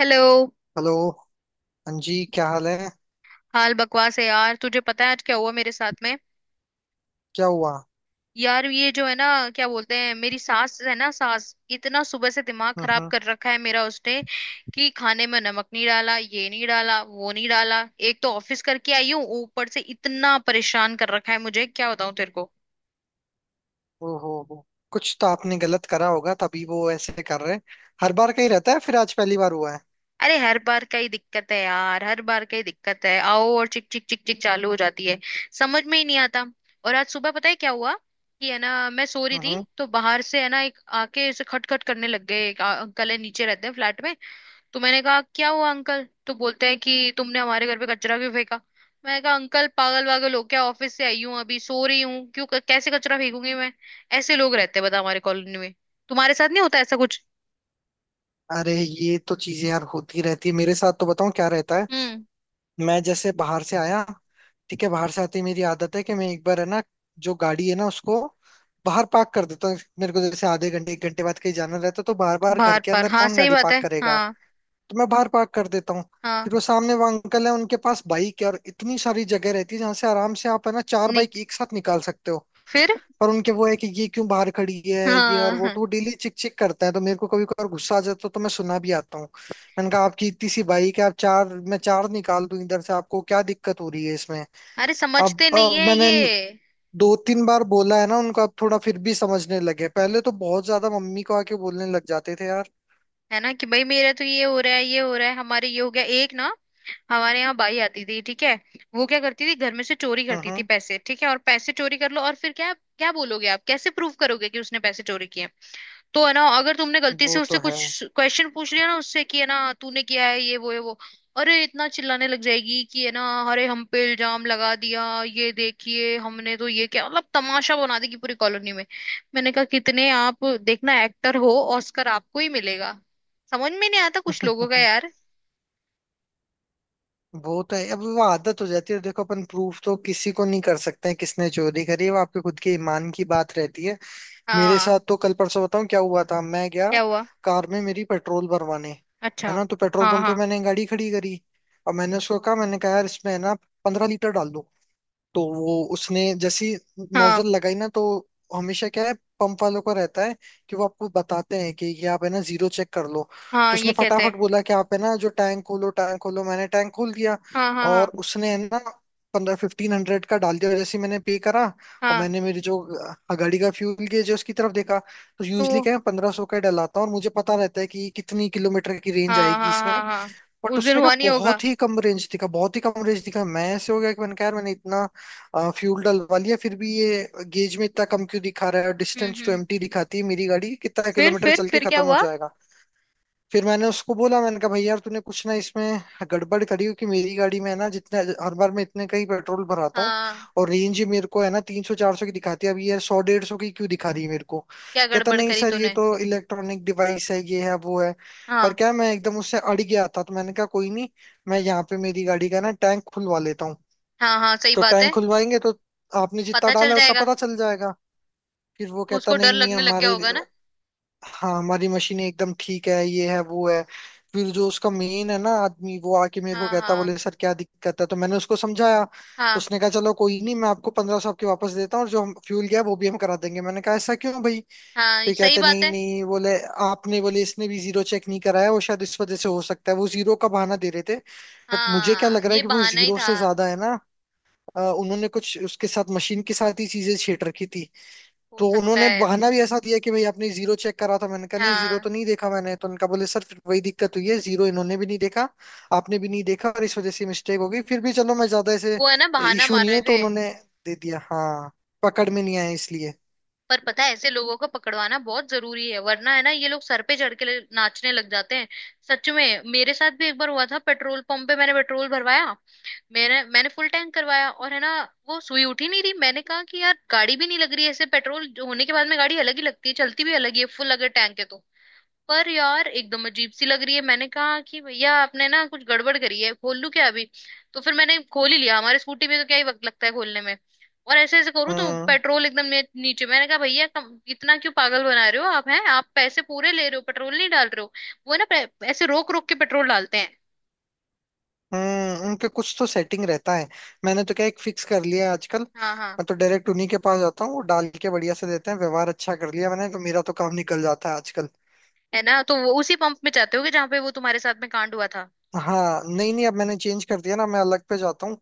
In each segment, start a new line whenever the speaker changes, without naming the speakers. Hello.
Hello. हाँ जी, क्या हाल है?
हाल बकवास है यार। तुझे पता है आज क्या हुआ मेरे साथ में?
क्या हुआ?
यार ये जो है ना, क्या बोलते हैं, मेरी सास है ना, सास, इतना सुबह से दिमाग खराब
हम्म।
कर रखा है मेरा उसने। कि खाने में नमक नहीं डाला, ये नहीं डाला, वो नहीं डाला। एक तो ऑफिस करके आई हूँ, ऊपर से इतना परेशान कर रखा है मुझे, क्या बताऊं तेरे को।
ओहो हो। कुछ तो आपने गलत करा होगा तभी वो ऐसे कर रहे हैं। हर बार का ही रहता है फिर आज पहली बार हुआ है?
अरे हर बार का ही दिक्कत है यार, हर बार का ही दिक्कत है। आओ और चिक चिक चिक चिक चालू हो जाती है। समझ में ही नहीं आता। और आज सुबह पता है क्या हुआ? कि है ना, मैं सो रही
हम्म
थी
हम्म।
तो बाहर से है ना एक आके ऐसे खटखट करने लग गए, एक अंकल है, नीचे रहते हैं फ्लैट में। तो मैंने कहा क्या हुआ अंकल, तो बोलते हैं कि तुमने हमारे घर पे कचरा क्यों फेंका। मैंने कहा अंकल पागल वागल हो क्या, ऑफिस से आई हूँ, अभी सो रही हूँ, क्यों कैसे कचरा फेंकूंगी मैं। ऐसे लोग रहते हैं बता हमारे कॉलोनी में। तुम्हारे साथ नहीं होता ऐसा कुछ?
अरे ये तो चीजें यार होती रहती है, मेरे साथ तो बताऊं क्या रहता है।
हम्म।
मैं जैसे बाहर से आया, ठीक है, बाहर से आते ही मेरी आदत है कि मैं एक बार है ना, जो गाड़ी है ना उसको बाहर पार्क कर देता हूँ। मेरे को जैसे आधे घंटे 1 घंटे बाद कहीं जाना रहता है, तो बार बार घर
बाहर
के
पर
अंदर
हाँ
कौन
सही
गाड़ी
बात
पार्क
है
करेगा।
हाँ।
तो मैं बाहर पार्क कर देता हूँ। फिर वो
हाँ।
सामने वो अंकल है, उनके पास बाइक है और इतनी सारी जगह रहती है जहाँ से आराम से आप है ना चार
निक,
बाइक एक साथ निकाल सकते हो।
फिर।
पर उनके वो है कि ये क्यों बाहर खड़ी है, ये और वो।
हाँ।
तो वो डेली चिक चिक करता है, तो मेरे को कभी कभार गुस्सा आ जाता है तो मैं सुना भी आता हूँ। मैंने कहा आपकी इतनी सी बाइक है, आप चार मैं चार निकाल दूं इधर से, आपको क्या दिक्कत हो रही है इसमें।
अरे
अब
समझते नहीं
अब
है
मैंने
ये।
दो तीन बार बोला है ना उनको, अब थोड़ा फिर भी समझने लगे, पहले तो बहुत ज्यादा मम्मी को आके बोलने लग जाते थे यार।
है ना, कि भाई मेरा तो ये हो रहा है, ये हो रहा है, हमारे ये हो गया एक ना। हमारे यहाँ बाई आती थी, ठीक है। वो क्या करती थी, घर में से चोरी
हम्म
करती थी
हम्म,
पैसे, ठीक है। और पैसे चोरी कर लो और फिर क्या क्या बोलोगे आप, कैसे प्रूव करोगे कि उसने पैसे चोरी किए। तो है ना, अगर तुमने गलती से
वो
उससे
तो है।
कुछ क्वेश्चन पूछ लिया ना उससे कि है ना तूने किया है ये वो है वो, अरे इतना चिल्लाने लग जाएगी कि है ना, अरे हम पे इल्जाम लगा दिया, ये देखिए हमने तो ये, क्या मतलब तमाशा बना देगी पूरी कॉलोनी में। मैंने कहा कितने आप देखना एक्टर हो, ऑस्कर आपको ही मिलेगा। समझ में नहीं आता कुछ लोगों का यार।
वो तो है। अब वो आदत हो जाती है, देखो अपन प्रूफ तो किसी को नहीं कर सकते हैं किसने चोरी करी है, वो आपके खुद के ईमान की बात रहती है। मेरे
हाँ,
साथ तो कल परसों बताऊं क्या हुआ था। मैं गया
क्या हुआ?
कार में मेरी पेट्रोल भरवाने,
अच्छा।
है ना। तो पेट्रोल
हाँ
पंप पे
हाँ
मैंने गाड़ी खड़ी करी और मैंने उसको कहा, मैंने कहा यार इसमें है ना 15 लीटर डाल दो। तो वो उसने जैसी
हाँ
नोजल लगाई ना, तो हमेशा क्या है पंप वालों को रहता है कि वो आपको बताते हैं कि ये आप है ना जीरो चेक कर लो। तो
हाँ। ये
उसने
कहते
फटाफट
हैं।
बोला कि आप है ना जो टैंक खोलो टैंक खोलो, मैंने टैंक खोल दिया
हाँ हाँ हाँ
और उसने है ना पंद्रह 1500 का डाल दिया। और जैसे ही मैंने पे करा, और
हाँ।
मैंने मेरी जो गाड़ी का फ्यूल गेज है उसकी तरफ देखा, तो
तो
यूजली क्या है 1500 का ही डलाता हूँ और मुझे पता रहता है कि कितनी किलोमीटर की रेंज
हाँ
आएगी
हाँ
इसमें।
हाँ हाँ।
बट
उस दिन
उसने कहा
हुआ नहीं होगा।
बहुत ही कम रेंज दिखा, बहुत ही कम रेंज दिखा। मैं ऐसे हो गया कि मैंने कहा यार मैंने इतना फ्यूल डलवा लिया फिर भी ये गेज में इतना कम क्यों दिखा रहा है, और
हम्म
distance
hmm
to
hmm.
Empty दिखाती है मेरी गाड़ी कितना
फिर
किलोमीटर
फिर
चल के
फिर क्या
खत्म हो
हुआ?
जाएगा। फिर मैंने उसको बोला, मैंने कहा भाई यार तूने कुछ ना इसमें गड़बड़ करी हो, कि मेरी गाड़ी में है ना जितने, हर बार मैं इतने का ही पेट्रोल भराता हूँ,
हाँ।
और रेंज ही मेरे को है ना 300 400 की दिखाती है, अब ये 100 150 की क्यों दिखा रही है मेरे को।
क्या
कहता
गड़बड़
नहीं
करी
सर ये
तूने?
तो इलेक्ट्रॉनिक डिवाइस है, ये है वो है। पर
हाँ
क्या, मैं एकदम उससे अड़ गया था, तो मैंने कहा कोई नहीं, मैं यहाँ पे मेरी गाड़ी का ना टैंक खुलवा लेता हूँ।
हाँ हाँ सही
तो
बात है।
टैंक खुलवाएंगे तो आपने जितना
पता चल
डाला है उतना
जाएगा।
पता चल जाएगा। फिर वो कहता
उसको डर
नहीं नहीं
लगने लग गया
हमारे,
होगा ना।
हाँ हमारी मशीनें एकदम ठीक है, ये है वो है। फिर जो उसका मेन है ना आदमी वो आके मेरे को
हाँ
कहता,
हाँ
बोले सर क्या दिक्कत है, तो मैंने उसको समझाया। तो
हाँ
उसने कहा चलो कोई नहीं, मैं आपको 1500 आपके वापस देता हूँ और जो हम फ्यूल गया वो भी हम करा देंगे। मैंने कहा ऐसा क्यों भाई?
हाँ
फिर
सही
कहते
बात
नहीं
है।
नहीं, बोले आपने, बोले इसने भी जीरो चेक नहीं कराया वो, शायद इस वजह से हो सकता है। वो जीरो का बहाना दे रहे थे। बट मुझे क्या
हाँ
लग रहा है
ये
कि वो
बहाना ही
जीरो
था।
से ज्यादा है ना, उन्होंने कुछ उसके साथ, मशीन के साथ ही चीजें छेड़ रखी थी।
हो
तो
सकता
उन्होंने
है।
बहाना भी ऐसा दिया कि भाई आपने जीरो चेक करा था, मैंने कहा नहीं जीरो तो
हाँ।
नहीं देखा मैंने तो। उनका बोले सर फिर वही दिक्कत हुई है, जीरो इन्होंने भी नहीं देखा आपने भी नहीं देखा और इस वजह से मिस्टेक हो गई। फिर भी चलो मैं ज्यादा ऐसे
वो है ना बहाना
इशू
मार
नहीं
रहे
हूं, तो
थे।
उन्होंने दे दिया, हाँ, पकड़ में नहीं आया इसलिए।
पर पता है ऐसे लोगों को पकड़वाना बहुत जरूरी है, वरना है ना ये लोग सर पे चढ़ के नाचने लग जाते हैं। सच में मेरे साथ भी एक बार हुआ था, पेट्रोल पंप पे मैंने पेट्रोल भरवाया। मेरा, मैंने फुल टैंक करवाया और है ना, वो सुई उठ ही नहीं रही। मैंने कहा कि यार गाड़ी भी नहीं लग रही है ऐसे पेट्रोल जो होने के बाद में गाड़ी अलग ही लगती है, चलती भी अलग ही है फुल अगर टैंक है तो। पर यार एकदम अजीब सी लग रही है। मैंने कहा कि भैया आपने ना कुछ गड़बड़ करी है, खोल लूं क्या अभी? तो फिर मैंने खोल ही लिया, हमारे स्कूटी में तो क्या ही वक्त लगता है खोलने में। और ऐसे ऐसे करूँ तो
हम्म
पेट्रोल एकदम नीचे। मैंने कहा भैया कम, इतना क्यों पागल बना रहे हो आप, हैं? आप पैसे पूरे ले रहे हो, पेट्रोल नहीं डाल रहे हो। वो है ना ऐसे रोक रोक के पेट्रोल डालते हैं।
हम्म, उनके कुछ तो सेटिंग रहता है। मैंने तो क्या एक फिक्स कर लिया है आजकल,
हाँ हाँ।
मैं तो डायरेक्ट उन्हीं के पास जाता हूँ, वो डाल के बढ़िया से देते हैं, व्यवहार अच्छा कर लिया मैंने तो, मेरा तो काम निकल जाता है आजकल।
है ना, तो वो उसी पंप में जाते होगे जहाँ पे वो तुम्हारे साथ में कांड हुआ था।
हाँ, नहीं नहीं, अब मैंने चेंज कर दिया ना, मैं अलग पे जाता हूँ।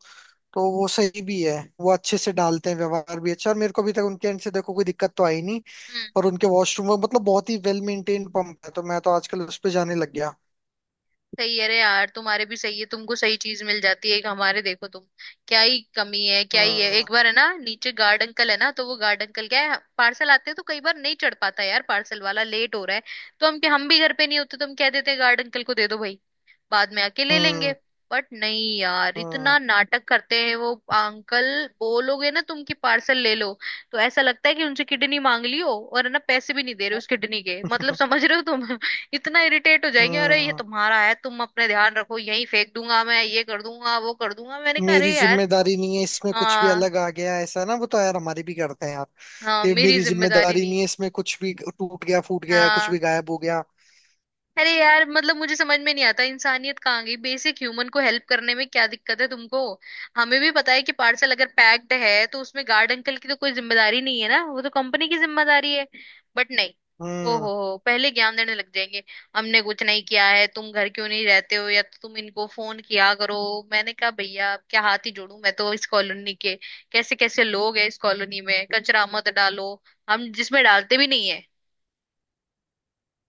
तो वो सही भी है, वो अच्छे से डालते हैं, व्यवहार भी अच्छा, और मेरे को अभी तक उनके एंड से देखो कोई दिक्कत तो आई नहीं।
हम्म।
और उनके वॉशरूम में, मतलब बहुत ही वेल मेंटेन्ड पंप है, तो मैं तो आजकल उस पे जाने लग गया।
सही है। अरे यार तुम्हारे भी सही है, तुमको सही चीज मिल जाती है। एक हमारे देखो तुम, क्या ही कमी है क्या ही है। एक
हाँ।
बार है ना नीचे गार्ड अंकल है ना, तो वो गार्ड अंकल क्या है, पार्सल आते हैं तो कई बार नहीं चढ़ पाता यार पार्सल वाला, लेट हो रहा है तो। हम भी घर पे नहीं होते तो हम कह देते हैं गार्ड अंकल को दे दो भाई, बाद में आके ले लेंगे।
हम्म
बट नहीं यार, इतना
हम्म।
नाटक करते हैं वो अंकल। बोलोगे ना तुम कि पार्सल ले लो, तो ऐसा लगता है कि उनसे किडनी मांग ली हो, और है ना पैसे भी नहीं दे रहे उस किडनी के, मतलब समझ रहे हो तुम। इतना इरिटेट हो जाएंगे, अरे ये
हाँ,
तुम्हारा है, तुम अपने ध्यान रखो, यहीं फेंक दूंगा मैं, ये कर दूंगा, वो कर दूंगा। मैंने कहा
मेरी
अरे यार।
जिम्मेदारी नहीं है इसमें, कुछ भी
हाँ।
अलग आ गया ऐसा ना, वो तो यार हमारे भी करते हैं यार।
हाँ
ये
मेरी
मेरी
जिम्मेदारी
जिम्मेदारी नहीं
नहीं।
है, इसमें कुछ भी टूट गया फूट गया, कुछ भी
हाँ।
गायब हो गया।
अरे यार मतलब मुझे समझ में नहीं आता, इंसानियत कहाँ गई? बेसिक ह्यूमन को हेल्प करने में क्या दिक्कत है तुमको। हमें भी पता है कि पार्सल अगर पैक्ड है तो उसमें गार्ड अंकल की तो कोई जिम्मेदारी नहीं है ना, वो तो कंपनी की जिम्मेदारी है। बट नहीं, ओ
हम्म।
हो, पहले ज्ञान देने लग जाएंगे। हमने कुछ नहीं किया है, तुम घर क्यों नहीं रहते हो, या तो तुम इनको फोन किया करो। मैंने कहा भैया अब क्या हाथ ही जोड़ू मैं, तो इस कॉलोनी के, कैसे कैसे लोग हैं इस कॉलोनी में, कचरा मत डालो, हम जिसमें डालते भी नहीं है।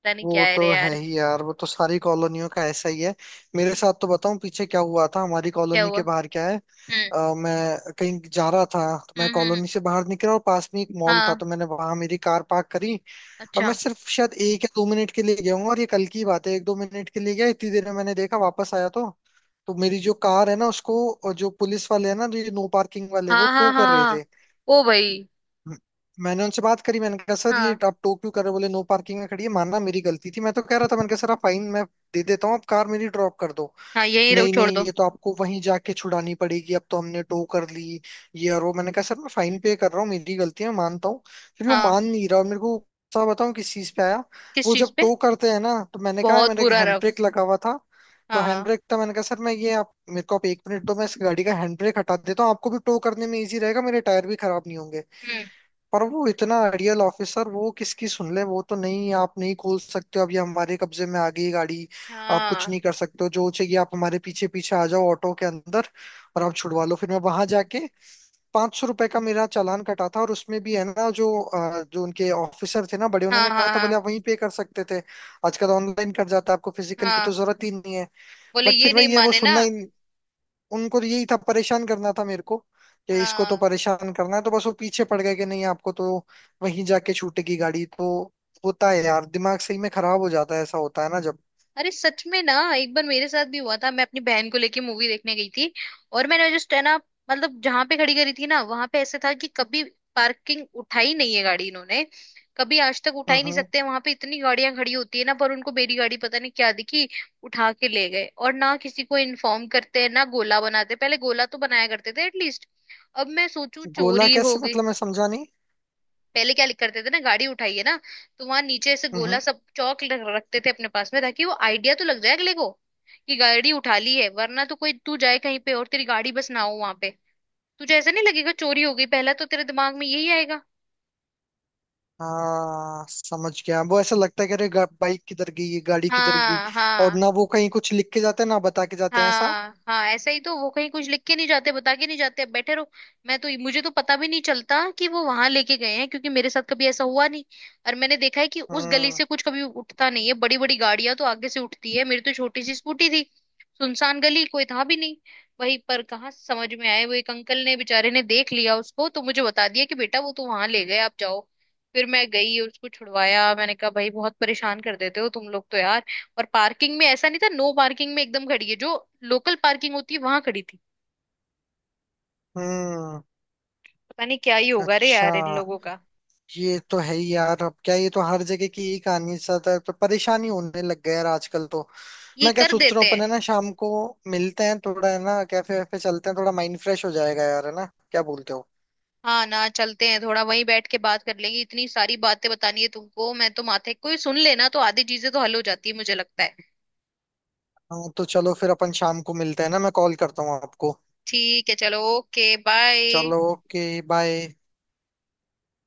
पता नहीं क्या
वो
है रे
तो है
यार।
ही यार, वो तो सारी कॉलोनियों का ऐसा ही है। मेरे साथ तो बताऊं पीछे क्या हुआ था, हमारी
क्या
कॉलोनी
हुआ?
के बाहर क्या है,
हम्म
मैं कहीं जा रहा था, तो मैं
हम्म हम्म,
कॉलोनी से बाहर निकला और पास में एक मॉल था,
हाँ।
तो मैंने वहां मेरी कार पार्क करी। और मैं
अच्छा।
सिर्फ शायद 1 या 2 मिनट के लिए गया हूँ, और ये कल की बात है, 1 2 मिनट के लिए गया, इतनी देर में मैंने देखा वापस आया तो मेरी जो कार है ना उसको जो पुलिस वाले है ना, जो ये नो पार्किंग वाले, वो
हाँ
टो
हाँ
कर रहे थे।
हाँ। ओ भाई।
म- मैंने उनसे बात करी, मैंने कहा सर ये
हाँ
आप टोक क्यों कर रहे हो? बोले नो पार्किंग में खड़ी है। मानना मेरी गलती थी, मैं तो कह रहा था, मैंने कहा सर आप फाइन मैं दे देता हूँ, आप कार मेरी ड्रॉप कर दो।
हाँ यही रहो
नहीं
छोड़
नहीं,
दो।
ये तो आपको वहीं जाके छुड़ानी पड़ेगी, अब तो हमने टो कर ली, ये और वो। मैंने कहा सर मैं फाइन पे कर रहा हूँ, मेरी गलती है मैं मानता हूँ। फिर वो
हाँ।
मान नहीं रहा, और मेरे को गुस्सा बताऊँ किस चीज पे आया।
किस
वो
चीज
जब
पे?
टो करते हैं ना, तो मैंने कहा
बहुत
मेरे
बुरा
हैंड
रफ।
ब्रेक लगा हुआ था, तो हैंड
हाँ।
ब्रेक था, मैंने कहा सर मैं ये आप, मेरे को आप 1 मिनट दो, मैं इस गाड़ी का हैंड ब्रेक हटा देता हूँ, आपको भी टो करने में इजी रहेगा, मेरे टायर भी खराब नहीं होंगे।
हम्म।
पर वो इतना रियल ऑफिसर, वो किसकी सुन ले, वो तो नहीं आप नहीं खोल सकते हो, अब ये हमारे कब्जे में आ गई गाड़ी, आप कुछ नहीं
हाँ
कर सकते हो, जो चाहिए आप हमारे पीछे पीछे आ जाओ ऑटो के अंदर, और आप छुड़वा लो। फिर मैं वहां जाके, ₹500 का मेरा चालान कटा था, और उसमें भी है ना जो जो उनके ऑफिसर थे ना बड़े,
हाँ
उन्होंने कहा
हाँ
था,
हाँ
बोले आप वहीं पे कर सकते थे। आजकल ऑनलाइन कर जाता है, आपको फिजिकल की तो
हाँ।
जरूरत ही नहीं है।
बोले
बट
ये
फिर
नहीं
भाई ये वो
माने ना।
सुनना ही, उनको तो यही था, परेशान करना था मेरे को, कि इसको तो
हाँ।
परेशान करना है, तो बस वो पीछे पड़ गए कि नहीं आपको तो वहीं जाके छूटेगी गाड़ी। तो होता है यार, दिमाग सही में खराब हो जाता है, ऐसा होता है ना जब।
अरे सच में ना, एक बार मेरे साथ भी हुआ था। मैं अपनी बहन को लेके मूवी देखने गई थी, और मैंने जस्ट है ना, मतलब जहां पे खड़ी करी थी ना वहां पे ऐसे था कि कभी पार्किंग उठाई नहीं है गाड़ी इन्होंने, कभी आज तक उठा ही नहीं
हम्म।
सकते वहां पे, इतनी गाड़ियां खड़ी होती है ना, पर उनको मेरी गाड़ी पता नहीं क्या दिखी, उठा के ले गए और ना किसी को इन्फॉर्म करते हैं ना गोला बनाते, पहले गोला तो बनाया करते थे एटलीस्ट। अब मैं सोचू
गोला
चोरी हो
कैसे,
गई।
मतलब मैं समझा नहीं।
पहले क्या लिख करते थे ना, गाड़ी उठाइए ना, तो वहां नीचे ऐसे गोला
हम्म।
सब चौक रखते थे अपने पास में, ताकि वो आइडिया तो लग जाए अगले को कि गाड़ी उठा ली है, वरना तो कोई तू जाए कहीं पे और तेरी गाड़ी बस ना हो वहां पे, तुझे ऐसा नहीं लगेगा चोरी हो गई, पहला तो तेरे दिमाग में यही आएगा।
हाँ समझ गया, वो ऐसा लगता है कि अरे बाइक किधर गई, ये गाड़ी किधर गई।
हाँ
और
हाँ।
ना वो कहीं कुछ लिख के जाते हैं, ना बता के जाते हैं ऐसा।
हाँ हाँ ऐसा ही, तो वो कहीं कुछ लिख के नहीं जाते, बता के नहीं जाते, अब बैठे रहो। मैं तो, मुझे तो पता भी नहीं चलता कि वो वहां लेके गए हैं, क्योंकि मेरे साथ कभी ऐसा हुआ नहीं, और मैंने देखा है कि उस गली
हम्म
से कुछ कभी उठता नहीं है, बड़ी बड़ी गाड़ियां तो आगे से उठती है, मेरी तो छोटी सी स्कूटी थी, सुनसान गली, कोई था भी नहीं, वहीं पर कहाँ से समझ में आए। वो एक अंकल ने बेचारे ने देख लिया उसको तो, मुझे बता दिया कि बेटा वो तो वहां ले गए आप जाओ। फिर मैं गई उसको छुड़वाया, मैंने कहा भाई बहुत परेशान कर देते हो तुम लोग तो यार। और पार्किंग में ऐसा नहीं था, नो पार्किंग में एकदम खड़ी है, जो लोकल पार्किंग होती है वहां खड़ी थी।
हम्म।
पता नहीं क्या ही होगा रे
अच्छा,
यार इन लोगों का।
ये तो है ही यार, अब क्या, ये तो हर जगह की यही कहानी साथ है, ज्यादा तो परेशानी होने लग गया यार आजकल तो।
ये
मैं क्या
कर
सोच रहा हूँ
देते हैं।
अपन है ना शाम को मिलते हैं, थोड़ा है ना कैफे वैफे चलते हैं, थोड़ा माइंड फ्रेश हो जाएगा यार, है ना, क्या बोलते हो?
हाँ ना चलते हैं, थोड़ा वहीं बैठ के बात कर लेंगे, इतनी सारी बातें बतानी है तुमको। मैं तो माथे, कोई सुन लेना तो आधी चीजें तो हल हो जाती है मुझे लगता है।
हाँ तो चलो फिर अपन शाम को मिलते हैं ना, मैं कॉल करता हूँ आपको।
ठीक है चलो ओके बाय।
चलो ओके, बाय।